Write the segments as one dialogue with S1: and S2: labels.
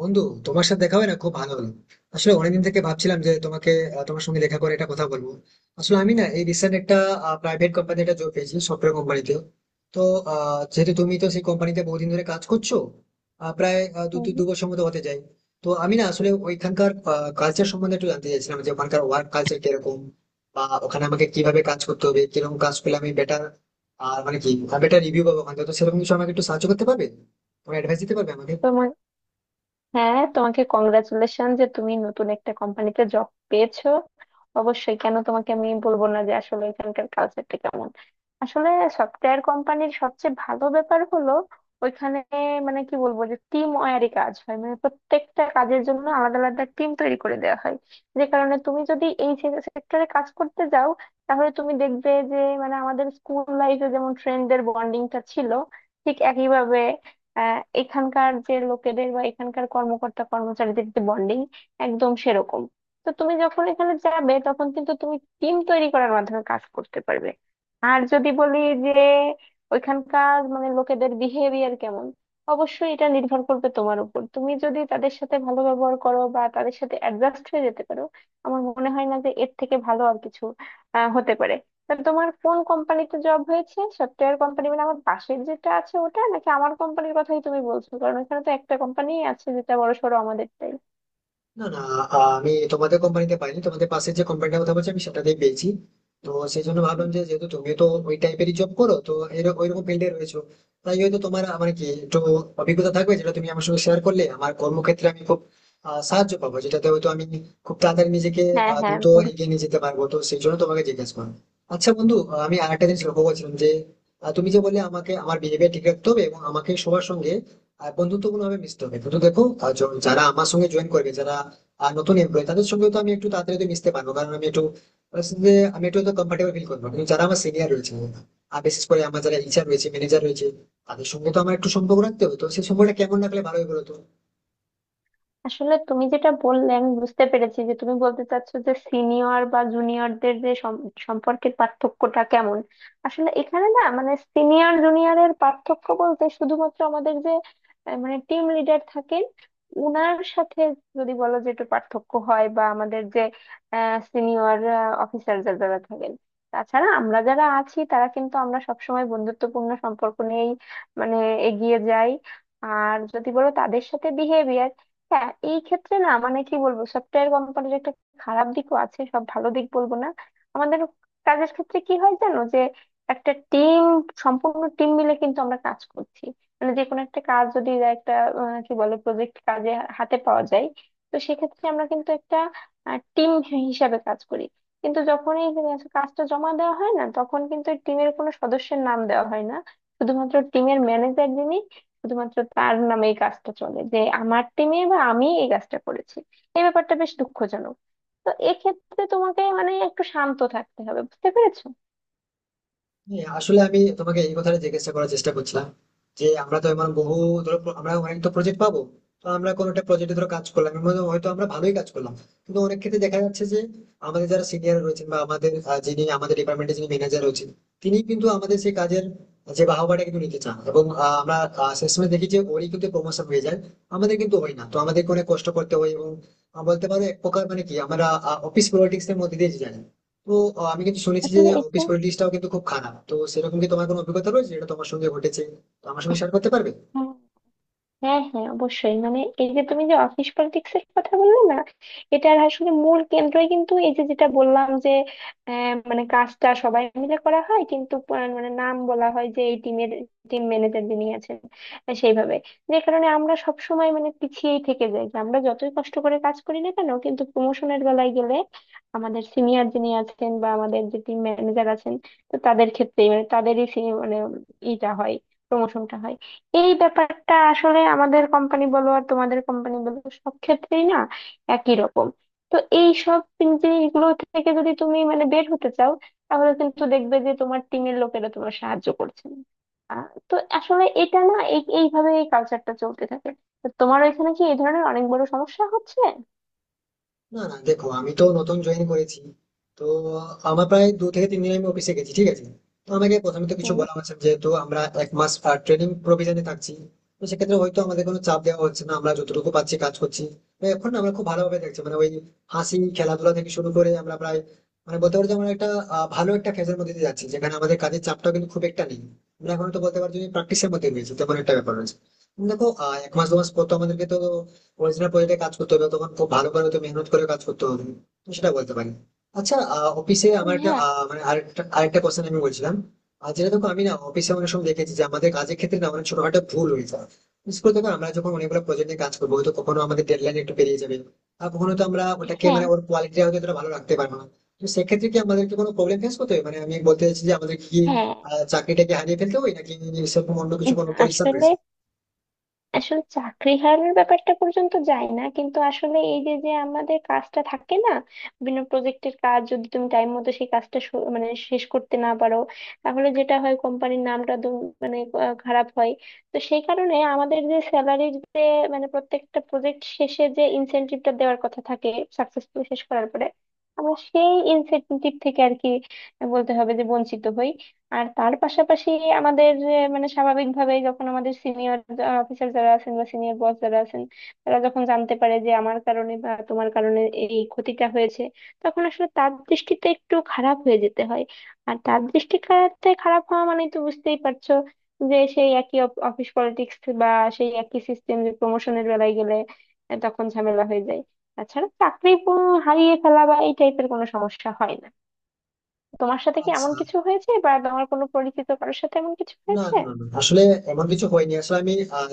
S1: বন্ধু, তোমার সাথে দেখা হয় না, খুব ভালো হলো। আসলে অনেকদিন থেকে ভাবছিলাম যে তোমাকে তোমার সঙ্গে দেখা করে একটা কথা বলবো। আসলে আমি না এই রিসেন্ট একটা প্রাইভেট কোম্পানি একটা জব পেয়েছি সফটওয়্যার কোম্পানিতে। তো যেহেতু তুমি তো সেই কোম্পানিতে বহুদিন ধরে কাজ করছো, প্রায় দু তিন
S2: হুম,
S1: দু বছর মতো হতে যায়। তো আমি না আসলে ওইখানকার কালচার সম্বন্ধে একটু জানতে চাইছিলাম, যে ওখানকার ওয়ার্ক কালচার কিরকম বা ওখানে আমাকে কিভাবে কাজ করতে হবে, কিরকম কাজ করলে আমি বেটার আর মানে কি বেটার রিভিউ পাবো ওখান থেকে। তো সেরকম কিছু আমাকে একটু সাহায্য করতে পারবে, তুমি অ্যাডভাইস দিতে পারবে আমাকে?
S2: তোমার হ্যাঁ, তোমাকে কংগ্রাচুলেশন যে তুমি নতুন একটা কোম্পানিতে জব পেয়েছো। অবশ্যই, কেন তোমাকে আমি বলবো না যে আসলে এখানকার কালচারটা কেমন। আসলে সফটওয়্যার কোম্পানির সবচেয়ে ভালো ব্যাপার হলো ওইখানে, মানে কি বলবো, যে টিম ওয়ারি কাজ হয়, মানে প্রত্যেকটা কাজের জন্য আলাদা আলাদা টিম তৈরি করে দেওয়া হয়। যে কারণে তুমি যদি এই সেক্টরে কাজ করতে যাও তাহলে তুমি দেখবে যে, মানে আমাদের স্কুল লাইফে যেমন ফ্রেন্ডদের বন্ডিংটা ছিল, ঠিক একইভাবে এখানকার যে লোকেদের বা এখানকার কর্মকর্তা কর্মচারীদের যে বন্ডিং, একদম সেরকম। তো তুমি যখন এখানে যাবে তখন কিন্তু তুমি টিম তৈরি করার মাধ্যমে কাজ করতে পারবে। আর যদি বলি যে ওইখানকার মানে লোকেদের বিহেভিয়ার কেমন, অবশ্যই এটা নির্ভর করবে তোমার উপর, তুমি যদি তাদের সাথে ভালো ব্যবহার করো বা তাদের সাথে অ্যাডজাস্ট হয়ে যেতে পারো। আমার মনে হয় না যে এর থেকে ভালো আর কিছু হতে পারে। তা তোমার কোন কোম্পানিতে জব হয়েছে? সফটওয়্যার কোম্পানি মানে আমার পাশের যেটা আছে ওটা, নাকি আমার কোম্পানির কথাই তুমি বলছো? কারণ ওখানে তো একটা কোম্পানি আছে যেটা বড় সড়ো, আমাদেরটাই।
S1: না না, আমি তোমাদের কোম্পানিতে পাইনি, তোমাদের পাশে যে কোম্পানিটার কথা বলছি আমি সেটাতেই পেয়েছি। তো সেই জন্য ভাবলাম যে যেহেতু তুমি তো ওই টাইপেরই জব করো, তো ওইরকম ফিল্ডে রয়েছো, তাই হয়তো তোমার মানে কি একটু অভিজ্ঞতা থাকবে, যেটা তুমি আমার সঙ্গে শেয়ার করলে আমার কর্মক্ষেত্রে আমি খুব সাহায্য পাবো, যেটাতে হয়তো আমি খুব তাড়াতাড়ি নিজেকে
S2: হ্যাঁ হ্যাঁ,
S1: দ্রুত এগিয়ে নিয়ে যেতে পারবো। তো সেই জন্য তোমাকে জিজ্ঞেস করো। আচ্ছা বন্ধু, আমি আরেকটা জিনিস লক্ষ্য করছিলাম যে তুমি যে বললে আমাকে আমার বিহেভিয়ার ঠিক রাখতে হবে এবং আমাকে সবার সঙ্গে আর বন্ধুত্বপূর্ণ ভাবে মিশতে হবে, কিন্তু দেখো যারা আমার সঙ্গে জয়েন করবে, যারা আর নতুন এমপ্লয়ি, তাদের সঙ্গে তো আমি একটু তাড়াতাড়ি হয়তো মিশতে পারবো কারণ আমি একটু তাদের সঙ্গে আমি একটু হয়তো কমফর্টেবল ফিল করবো। কিন্তু যারা আমার সিনিয়র রয়েছে আর বিশেষ করে আমার যারা ইচার রয়েছে, ম্যানেজার রয়েছে, তাদের সঙ্গে তো আমার একটু সম্পর্ক রাখতে হবে। তো সেই সম্পর্কটা কেমন রাখলে ভালো হবে বলতো?
S2: আসলে তুমি যেটা বললে আমি বুঝতে পেরেছি, যে তুমি বলতে চাচ্ছো যে সিনিয়র বা জুনিয়রদের যে সম্পর্কের পার্থক্যটা কেমন। আসলে এখানে না, মানে সিনিয়র জুনিয়রের পার্থক্য বলতে শুধুমাত্র আমাদের যে মানে টিম লিডার থাকেন, উনার সাথে যদি বলো যে একটু পার্থক্য হয়, বা আমাদের যে সিনিয়র অফিসার যারা থাকেন। তাছাড়া আমরা যারা আছি তারা কিন্তু আমরা সবসময় বন্ধুত্বপূর্ণ সম্পর্ক নিয়েই মানে এগিয়ে যাই। আর যদি বলো তাদের সাথে বিহেভিয়ার, হ্যাঁ এই ক্ষেত্রে না, মানে কি বলবো, সফটওয়্যার কোম্পানির একটা খারাপ দিকও আছে, সব ভালো দিক বলবো না। আমাদের কাজের ক্ষেত্রে কি হয় জানো? যে একটা টিম, সম্পূর্ণ টিম মিলে কিন্তু আমরা কাজ করছি, মানে যে কোনো একটা কাজ যদি বা একটা কি বলে, প্রজেক্ট কাজে হাতে পাওয়া যায়, তো সেক্ষেত্রে আমরা কিন্তু একটা টিম হিসাবে কাজ করি। কিন্তু যখনই কাজটা জমা দেওয়া হয় না, তখন কিন্তু টিমের কোনো সদস্যের নাম দেওয়া হয় না, শুধুমাত্র টিমের ম্যানেজার যিনি, শুধুমাত্র তার নামে এই কাজটা চলে, যে আমার টিমে বা আমি এই কাজটা করেছি। এই ব্যাপারটা বেশ দুঃখজনক। তো এক্ষেত্রে তোমাকে মানে একটু শান্ত থাকতে হবে, বুঝতে পেরেছো?
S1: হ্যাঁ, আসলে আমি তোমাকে এই কথাটা জিজ্ঞাসা করার চেষ্টা করছিলাম যে আমরা তো এমন বহু ধরো আমরা অনেক তো প্রজেক্ট পাবো। তো আমরা কোনো একটা প্রজেক্টে ধরো কাজ করলাম, এর মধ্যে হয়তো আমরা ভালোই কাজ করলাম, কিন্তু অনেক ক্ষেত্রে দেখা যাচ্ছে যে আমাদের যারা সিনিয়র রয়েছেন বা আমাদের যিনি আমাদের ডিপার্টমেন্টে যিনি ম্যানেজার রয়েছেন, তিনি কিন্তু আমাদের সেই কাজের যে বাহবাটা কিন্তু নিতে চান এবং আমরা শেষমেশ দেখি যে ওরই কিন্তু প্রমোশন হয়ে যায়, আমাদের কিন্তু হয় না। তো আমাদেরকে অনেক কষ্ট করতে হয় এবং বলতে পারো এক প্রকার মানে কি আমরা অফিস পলিটিক্স এর মধ্যে দিয়ে যাই। তো আমি কিন্তু শুনেছি যে
S2: আসলে
S1: অফিস
S2: এটা,
S1: পলিটিক্সটাও কিন্তু খুব খারাপ। তো সেরকম কি তোমার কোনো অভিজ্ঞতা রয়েছে যেটা তোমার সঙ্গে ঘটেছে, তো আমার সঙ্গে শেয়ার করতে পারবে?
S2: হ্যাঁ হ্যাঁ, অবশ্যই মানে এই যে তুমি যে অফিস পলিটিক্স এর কথা বললে না, এটার আসলে মূল কেন্দ্রই কিন্তু এই যে যেটা বললাম যে, মানে কাজটা সবাই মিলে করা হয় কিন্তু মানে নাম বলা হয় যে এই টিমের টিম ম্যানেজার যিনি আছেন, সেইভাবে। যে কারণে আমরা সব সময় মানে পিছিয়েই থেকে যাই, যে আমরা যতই কষ্ট করে কাজ করি না কেন কিন্তু প্রমোশনের বেলায় গেলে আমাদের সিনিয়র যিনি আছেন বা আমাদের যে টিম ম্যানেজার আছেন, তো তাদের ক্ষেত্রেই মানে তাদেরই মানে ইটা হয়, প্রমোশনটা হয়। এই ব্যাপারটা আসলে আমাদের কোম্পানি বলো আর তোমাদের কোম্পানি বলো, সব ক্ষেত্রেই না একই রকম। তো এই সব জিনিসগুলো থেকে যদি তুমি মানে বের হতে চাও, তাহলে কিন্তু দেখবে যে তোমার টিমের লোকেরা তোমার সাহায্য করছে না। তো আসলে এটা না, এইভাবে এই কালচারটা চলতে থাকে। তো তোমার এখানে কি এই ধরনের অনেক বড় সমস্যা হচ্ছে?
S1: না না দেখো, আমি তো নতুন জয়েন করেছি। তো আমার প্রায় 2 থেকে 3 দিন আমি অফিসে গেছি, ঠিক আছে? তো আমাকে প্রথমে তো কিছু
S2: হুম,
S1: বলা হচ্ছে না, যেহেতু আমরা 1 মাস ট্রেনিং প্রভিজনে থাকছি। তো সেক্ষেত্রে হয়তো আমাদের কোনো চাপ দেওয়া হচ্ছে না, আমরা যতটুকু পাচ্ছি কাজ করছি। তো এখন আমরা খুব ভালোভাবে দেখছি মানে ওই হাসি খেলাধুলা থেকে শুরু করে আমরা প্রায় মানে বলতে পারো যে আমরা একটা ভালো একটা ফেজের মধ্যে দিয়ে যাচ্ছি, যেখানে আমাদের কাজের চাপটা কিন্তু খুব একটা নেই। আমরা এখন তো বলতে পারছি প্র্যাকটিসের মধ্যে রয়েছে তেমন একটা ব্যাপার রয়েছে। দেখো 1 মাস 2 মাস পর তো আমাদেরকে তো অরিজিনাল প্রজেক্টে কাজ করতে হবে, তখন খুব ভালো করে হয়তো মেহনত করে কাজ করতে হবে। তো সেটা বলতে পারি। আচ্ছা, অফিসে আমার একটা
S2: হ্যাঁ
S1: আহ, মানে আরেকটা আরেকটা কোশ্চেন আমি বলছিলাম, আর যেটা দেখো আমি না অফিসে অনেক সময় দেখেছি যে আমাদের কাজের ক্ষেত্রে না অনেক ছোটখাটো ভুল হয়ে যায়। বিশেষ করে দেখো, আমরা যখন অনেকগুলো প্রজেক্ট নিয়ে কাজ করবো হয়তো কখনো আমাদের ডেডলাইন একটু পেরিয়ে যাবে আর কখনো তো আমরা ওটাকে
S2: হ্যাঁ
S1: মানে ওর কোয়ালিটি হয়তো এতটা ভালো রাখতে পারবো না। তো সেক্ষেত্রে কি আমাদেরকে কোনো প্রবলেম ফেস করতে হবে? মানে আমি বলতে চাইছি যে আমাদের কি
S2: হ্যাঁ,
S1: চাকরিটাকে হারিয়ে ফেলতে হবে নাকি সেরকম অন্য কিছু কোনো পরিশ্রম
S2: আসলে
S1: রয়েছে?
S2: আসলে চাকরি হারানোর ব্যাপারটা পর্যন্ত যায় না কিন্তু আসলে এই যে যে আমাদের কাজটা থাকে না, বিভিন্ন প্রজেক্টের কাজ যদি তুমি টাইম মতো সেই কাজটা মানে শেষ করতে না পারো, তাহলে যেটা হয় কোম্পানির নামটা মানে খারাপ হয়। তো সেই কারণে আমাদের যে স্যালারির যে, মানে প্রত্যেকটা প্রজেক্ট শেষে যে ইনসেনটিভটা দেওয়ার কথা থাকে সাকসেসফুলি শেষ করার পরে, আমরা সেই ইনসেনটিভ থেকে আর কি বলতে হবে যে বঞ্চিত হই। আর তার পাশাপাশি আমাদের যে, মানে স্বাভাবিকভাবে যখন আমাদের সিনিয়র অফিসার যারা আছেন বা সিনিয়র বস যারা আছেন, তারা যখন জানতে পারে যে আমার কারণে বা তোমার কারণে এই ক্ষতিটা হয়েছে, তখন আসলে তার দৃষ্টিতে একটু খারাপ হয়ে যেতে হয়। আর তার দৃষ্টিতে খারাপ হওয়া মানে তো বুঝতেই পারছো যে সেই একই অফিস পলিটিক্স বা সেই একই সিস্টেম, যে প্রমোশনের বেলায় গেলে তখন ঝামেলা হয়ে যায়। তাছাড়া চাকরি হারিয়ে ফেলা বা এই টাইপের কোনো সমস্যা হয় না। তোমার সাথে কি এমন
S1: আচ্ছা,
S2: কিছু হয়েছে বা তোমার কোনো পরিচিত কারোর সাথে এমন কিছু
S1: না
S2: হয়েছে?
S1: না না না। আসলে এমন কিছু হয়নি, আসলে আমি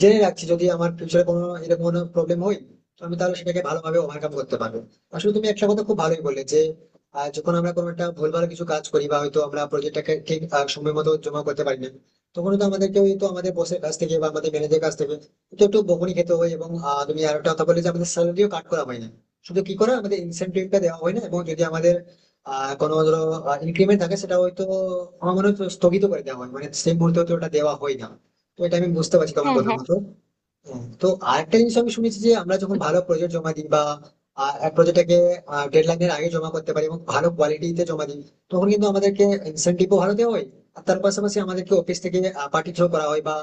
S1: জেনে রাখছি যদি আমার ফিউচারে কোনো এরকম কোনো প্রবলেম হয় তো আমি তাহলে সেটাকে ভালোভাবে ওভারকাম করতে পারবো। আসলে তুমি একটা কথা খুব ভালোই বললে যে যখন আমরা কোনো একটা ভুলভাল কিছু কাজ করি বা হয়তো আমরা প্রজেক্টটাকে ঠিক সময় মতো জমা করতে পারি না, তখন তো আমাদেরকে ওই তো আমাদের বসের কাছ থেকে বা আমাদের ম্যানেজার কাছ থেকে তো একটু বকুনি খেতে হয় এবং তুমি আর একটা কথা বলে যে আমাদের স্যালারিও কাট করা হয় না, শুধু কি করা আমাদের ইনসেনটিভটা দেওয়া হয় না এবং যদি আমাদের কোনো ধরো ইনক্রিমেন্ট থাকে সেটা হয়তো আমার মনে হয় স্থগিত করে দেওয়া হয়, মানে সেই মুহূর্তে হয়তো ওটা দেওয়া হয় না। তো এটা আমি বুঝতে পারছি তোমার
S2: হ্যাঁ
S1: কথা
S2: হ্যাঁ
S1: মতো। হ্যাঁ, তো আরেকটা জিনিস আমি শুনেছি যে আমরা যখন ভালো প্রজেক্ট জমা দিই বা এক প্রজেক্টটাকে ডেডলাইনের আগে জমা করতে পারি এবং ভালো কোয়ালিটিতে জমা দিই তখন কিন্তু আমাদেরকে ইনসেন্টিভও ভালো দেওয়া হয়। আর তার পাশাপাশি আমাদেরকে অফিস থেকে পার্টি থ্রো করা হয় বা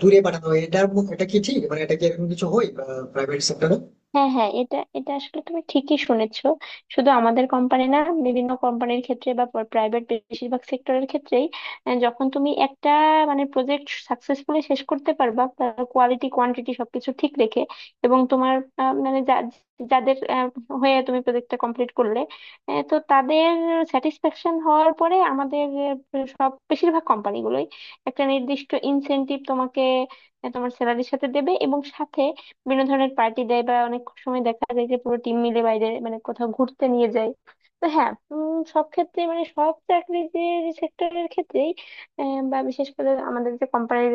S1: ট্যুরে পাঠানো হয়। এটা, এটা কি ঠিক, মানে এটা কি এরকম কিছু হয় প্রাইভেট সেক্টরে?
S2: হ্যাঁ হ্যাঁ, এটা এটা আসলে তুমি ঠিকই শুনেছো। শুধু আমাদের কোম্পানি না, বিভিন্ন কোম্পানির ক্ষেত্রে বা প্রাইভেট বেশিরভাগ সেক্টরের ক্ষেত্রেই, যখন তুমি একটা মানে প্রজেক্ট সাকসেসফুলি শেষ করতে পারবা, কোয়ালিটি কোয়ান্টিটি সবকিছু ঠিক রেখে, এবং তোমার মানে যাদের হয়ে তুমি প্রজেক্টটা কমপ্লিট করলে, তো তাদের স্যাটিসফ্যাকশন হওয়ার পরে আমাদের সব বেশিরভাগ কোম্পানিগুলোই একটা নির্দিষ্ট ইনসেনটিভ তোমাকে, তোমার স্যালারির সাথে দেবে, এবং সাথে বিভিন্ন ধরনের পার্টি দেয় বা অনেক সময় দেখা যায় যে পুরো টিম মিলে বাইরে মানে কোথাও ঘুরতে নিয়ে যায়। তো হ্যাঁ, সব ক্ষেত্রে মানে সব চাকরির যে সেক্টরের ক্ষেত্রেই, বা বিশেষ করে আমাদের যে কোম্পানির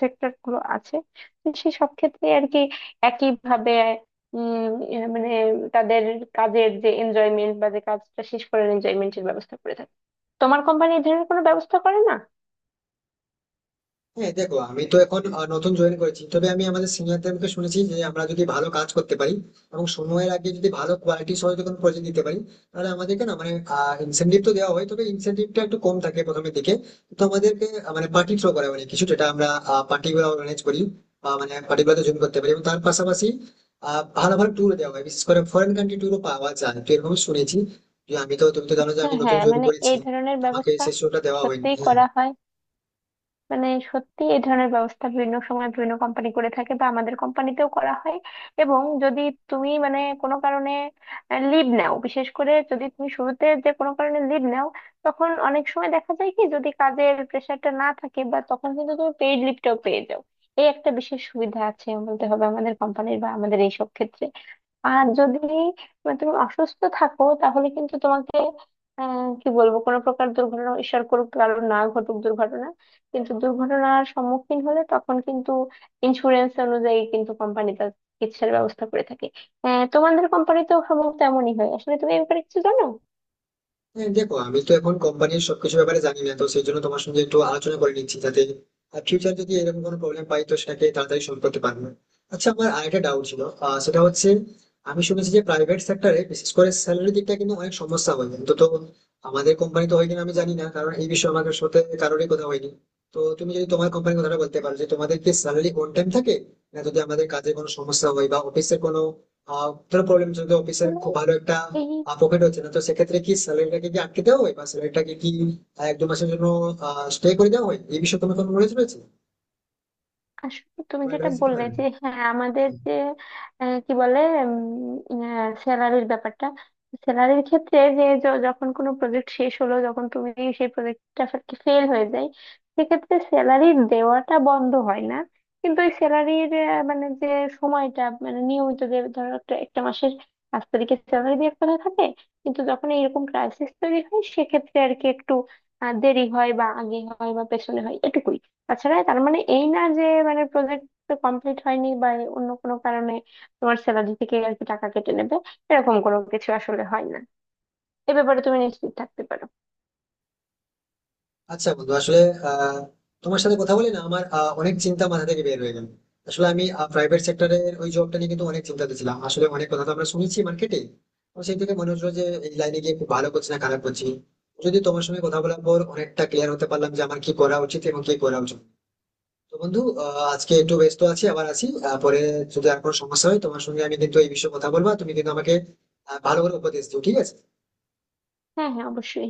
S2: সেক্টর গুলো আছে, তো সেই সব ক্ষেত্রে আর কি একই ভাবে উম মানে তাদের কাজের যে এনজয়মেন্ট বা যে কাজটা শেষ করার এনজয়মেন্টের ব্যবস্থা করে থাকে। তোমার কোম্পানি এই ধরনের কোনো ব্যবস্থা করে না?
S1: হ্যাঁ দেখো, আমি তো এখন নতুন জয়েন করেছি, তবে আমি আমাদের সিনিয়রদের মুখে শুনেছি যে আমরা যদি ভালো কাজ করতে পারি এবং সময়ের আগে যদি ভালো কোয়ালিটি সহ যদি কোনো প্রজেক্ট দিতে পারি, তাহলে আমাদেরকে না মানে ইনসেনটিভ তো দেওয়া হয় তবে ইনসেনটিভটা একটু কম থাকে প্রথমের দিকে। তো আমাদেরকে মানে পার্টি থ্রো করা মানে কিছু যেটা আমরা পার্টি গুলো অর্গানাইজ করি বা মানে পার্টি গুলোতে জয়েন করতে পারি এবং তার পাশাপাশি ভালো ভালো ট্যুর দেওয়া হয়, বিশেষ করে ফরেন কান্ট্রি ট্যুরও পাওয়া যায়। তো এরকম শুনেছি যে আমি তো, তুমি তো জানো যে
S2: হ্যাঁ
S1: আমি নতুন
S2: হ্যাঁ,
S1: জয়েন
S2: মানে
S1: করেছি,
S2: এই ধরনের
S1: তো আমাকে
S2: ব্যবস্থা
S1: সেই শোটা দেওয়া হয়নি।
S2: সত্যিই
S1: হ্যাঁ,
S2: করা হয়, মানে সত্যি এই ধরনের ব্যবস্থা বিভিন্ন সময় বিভিন্ন কোম্পানি করে থাকে বা আমাদের কোম্পানিতেও করা হয়। এবং যদি তুমি মানে কোনো কারণে লিভ নাও, বিশেষ করে যদি তুমি শুরুতে যে কোনো কারণে লিভ নাও, তখন অনেক সময় দেখা যায় কি, যদি কাজের প্রেশারটা না থাকে বা, তখন কিন্তু তুমি পেইড লিভটাও পেয়ে যাও। এই একটা বিশেষ সুবিধা আছে বলতে হবে আমাদের কোম্পানির বা আমাদের এইসব ক্ষেত্রে। আর যদি মানে তুমি অসুস্থ থাকো তাহলে কিন্তু তোমাকে, কি বলবো, কোনো প্রকার দুর্ঘটনা, ঈশ্বর করুক কারণ না ঘটুক দুর্ঘটনা, কিন্তু দুর্ঘটনার সম্মুখীন হলে তখন কিন্তু ইন্স্যুরেন্স অনুযায়ী কিন্তু কোম্পানি তার চিকিৎসার ব্যবস্থা করে থাকে। তোমাদের কোম্পানিতেও সম্ভবত এমনই হয়, আসলে তুমি এই ব্যাপারে কিছু জানো?
S1: হ্যাঁ, দেখো আমি তো এখন কোম্পানির সবকিছু ব্যাপারে জানি না, তো সেই জন্য তোমার সঙ্গে একটু আলোচনা করে নিচ্ছি যাতে ফিউচার যদি এরকম কোনো প্রবলেম পাই তো সেটাকে তাড়াতাড়ি সলভ করতে পারবো। আচ্ছা, আমার আরেকটা ডাউট ছিল, সেটা হচ্ছে আমি শুনেছি যে প্রাইভেট সেক্টরে বিশেষ করে স্যালারি দিকটা কিন্তু অনেক সমস্যা হয় কিন্তু। তো আমাদের কোম্পানি তো হয় কিনা আমি জানি না, কারণ এই বিষয়ে আমার সাথে কারোরই কথা হয়নি। তো তুমি যদি তোমার কোম্পানির কথাটা বলতে পারো যে তোমাদের কি স্যালারি অন টাইম থাকে, না যদি আমাদের কাজে কোনো সমস্যা হয় বা অফিসের কোনো ধরো প্রবলেম, যদি অফিসের
S2: আসলে
S1: খুব ভালো একটা
S2: এই,
S1: প্রফিট হচ্ছে না তো সেক্ষেত্রে কি স্যালারিটাকে কি আটকে দেওয়া হয় বা স্যালারিটাকে কি 1-2 মাসের জন্য স্টে করে দেওয়া হয়? এই বিষয়ে তোমার কোনো নলেজ রয়েছে,
S2: আসলে তুমি
S1: কোনো
S2: যেটা
S1: অ্যাডভাইস দিতে
S2: বললে
S1: পারবে?
S2: যে, হ্যাঁ আমাদের যে কি বলে স্যালারির ব্যাপারটা, স্যালারির ক্ষেত্রে যে যখন কোনো প্রজেক্ট শেষ হলো, যখন তুমি সেই প্রজেক্টটা ফেল হয়ে যায়, সেক্ষেত্রে স্যালারি দেওয়াটা বন্ধ হয় না। কিন্তু ওই স্যালারির মানে যে সময়টা, মানে নিয়মিত যে ধরো একটা একটা মাসের 5 তারিখে স্যালারি দেওয়ার কথা থাকে, কিন্তু যখন এইরকম ক্রাইসিস তৈরি হয় সেক্ষেত্রে আর কি একটু দেরি হয় বা আগে হয় বা পেছনে হয়, এটুকুই। তাছাড়া তার মানে এই না যে মানে প্রজেক্ট কমপ্লিট হয়নি বা অন্য কোনো কারণে তোমার স্যালারি থেকে আর কি টাকা কেটে নেবে, এরকম কোনো কিছু আসলে হয় না। এ ব্যাপারে তুমি নিশ্চিত থাকতে পারো।
S1: আচ্ছা বন্ধু, আসলে আহ, তোমার সাথে কথা বলে না আমার অনেক চিন্তা মাথা থেকে বের হয়ে গেল। আসলে আমি প্রাইভেট সেক্টরের ওই জবটা নিয়ে কিন্তু অনেক চিন্তাতে ছিলাম, আসলে অনেক কথা তো আমরা শুনেছি মার্কেটে, তো সেই থেকে মনে হচ্ছিল যে এই লাইনে গিয়ে খুব ভালো করছি না খারাপ করছি। যদি তোমার সঙ্গে কথা বলার পর অনেকটা ক্লিয়ার হতে পারলাম যে আমার কি করা উচিত এবং কি করা উচিত না। তো বন্ধু, আজকে একটু ব্যস্ত আছি, আবার আছি পরে যদি আর কোনো সমস্যা হয় তোমার সঙ্গে আমি কিন্তু এই বিষয়ে কথা বলবো, আর তুমি কিন্তু আমাকে ভালো করে উপদেশ দিও, ঠিক আছে?
S2: হ্যাঁ হ্যাঁ, অবশ্যই।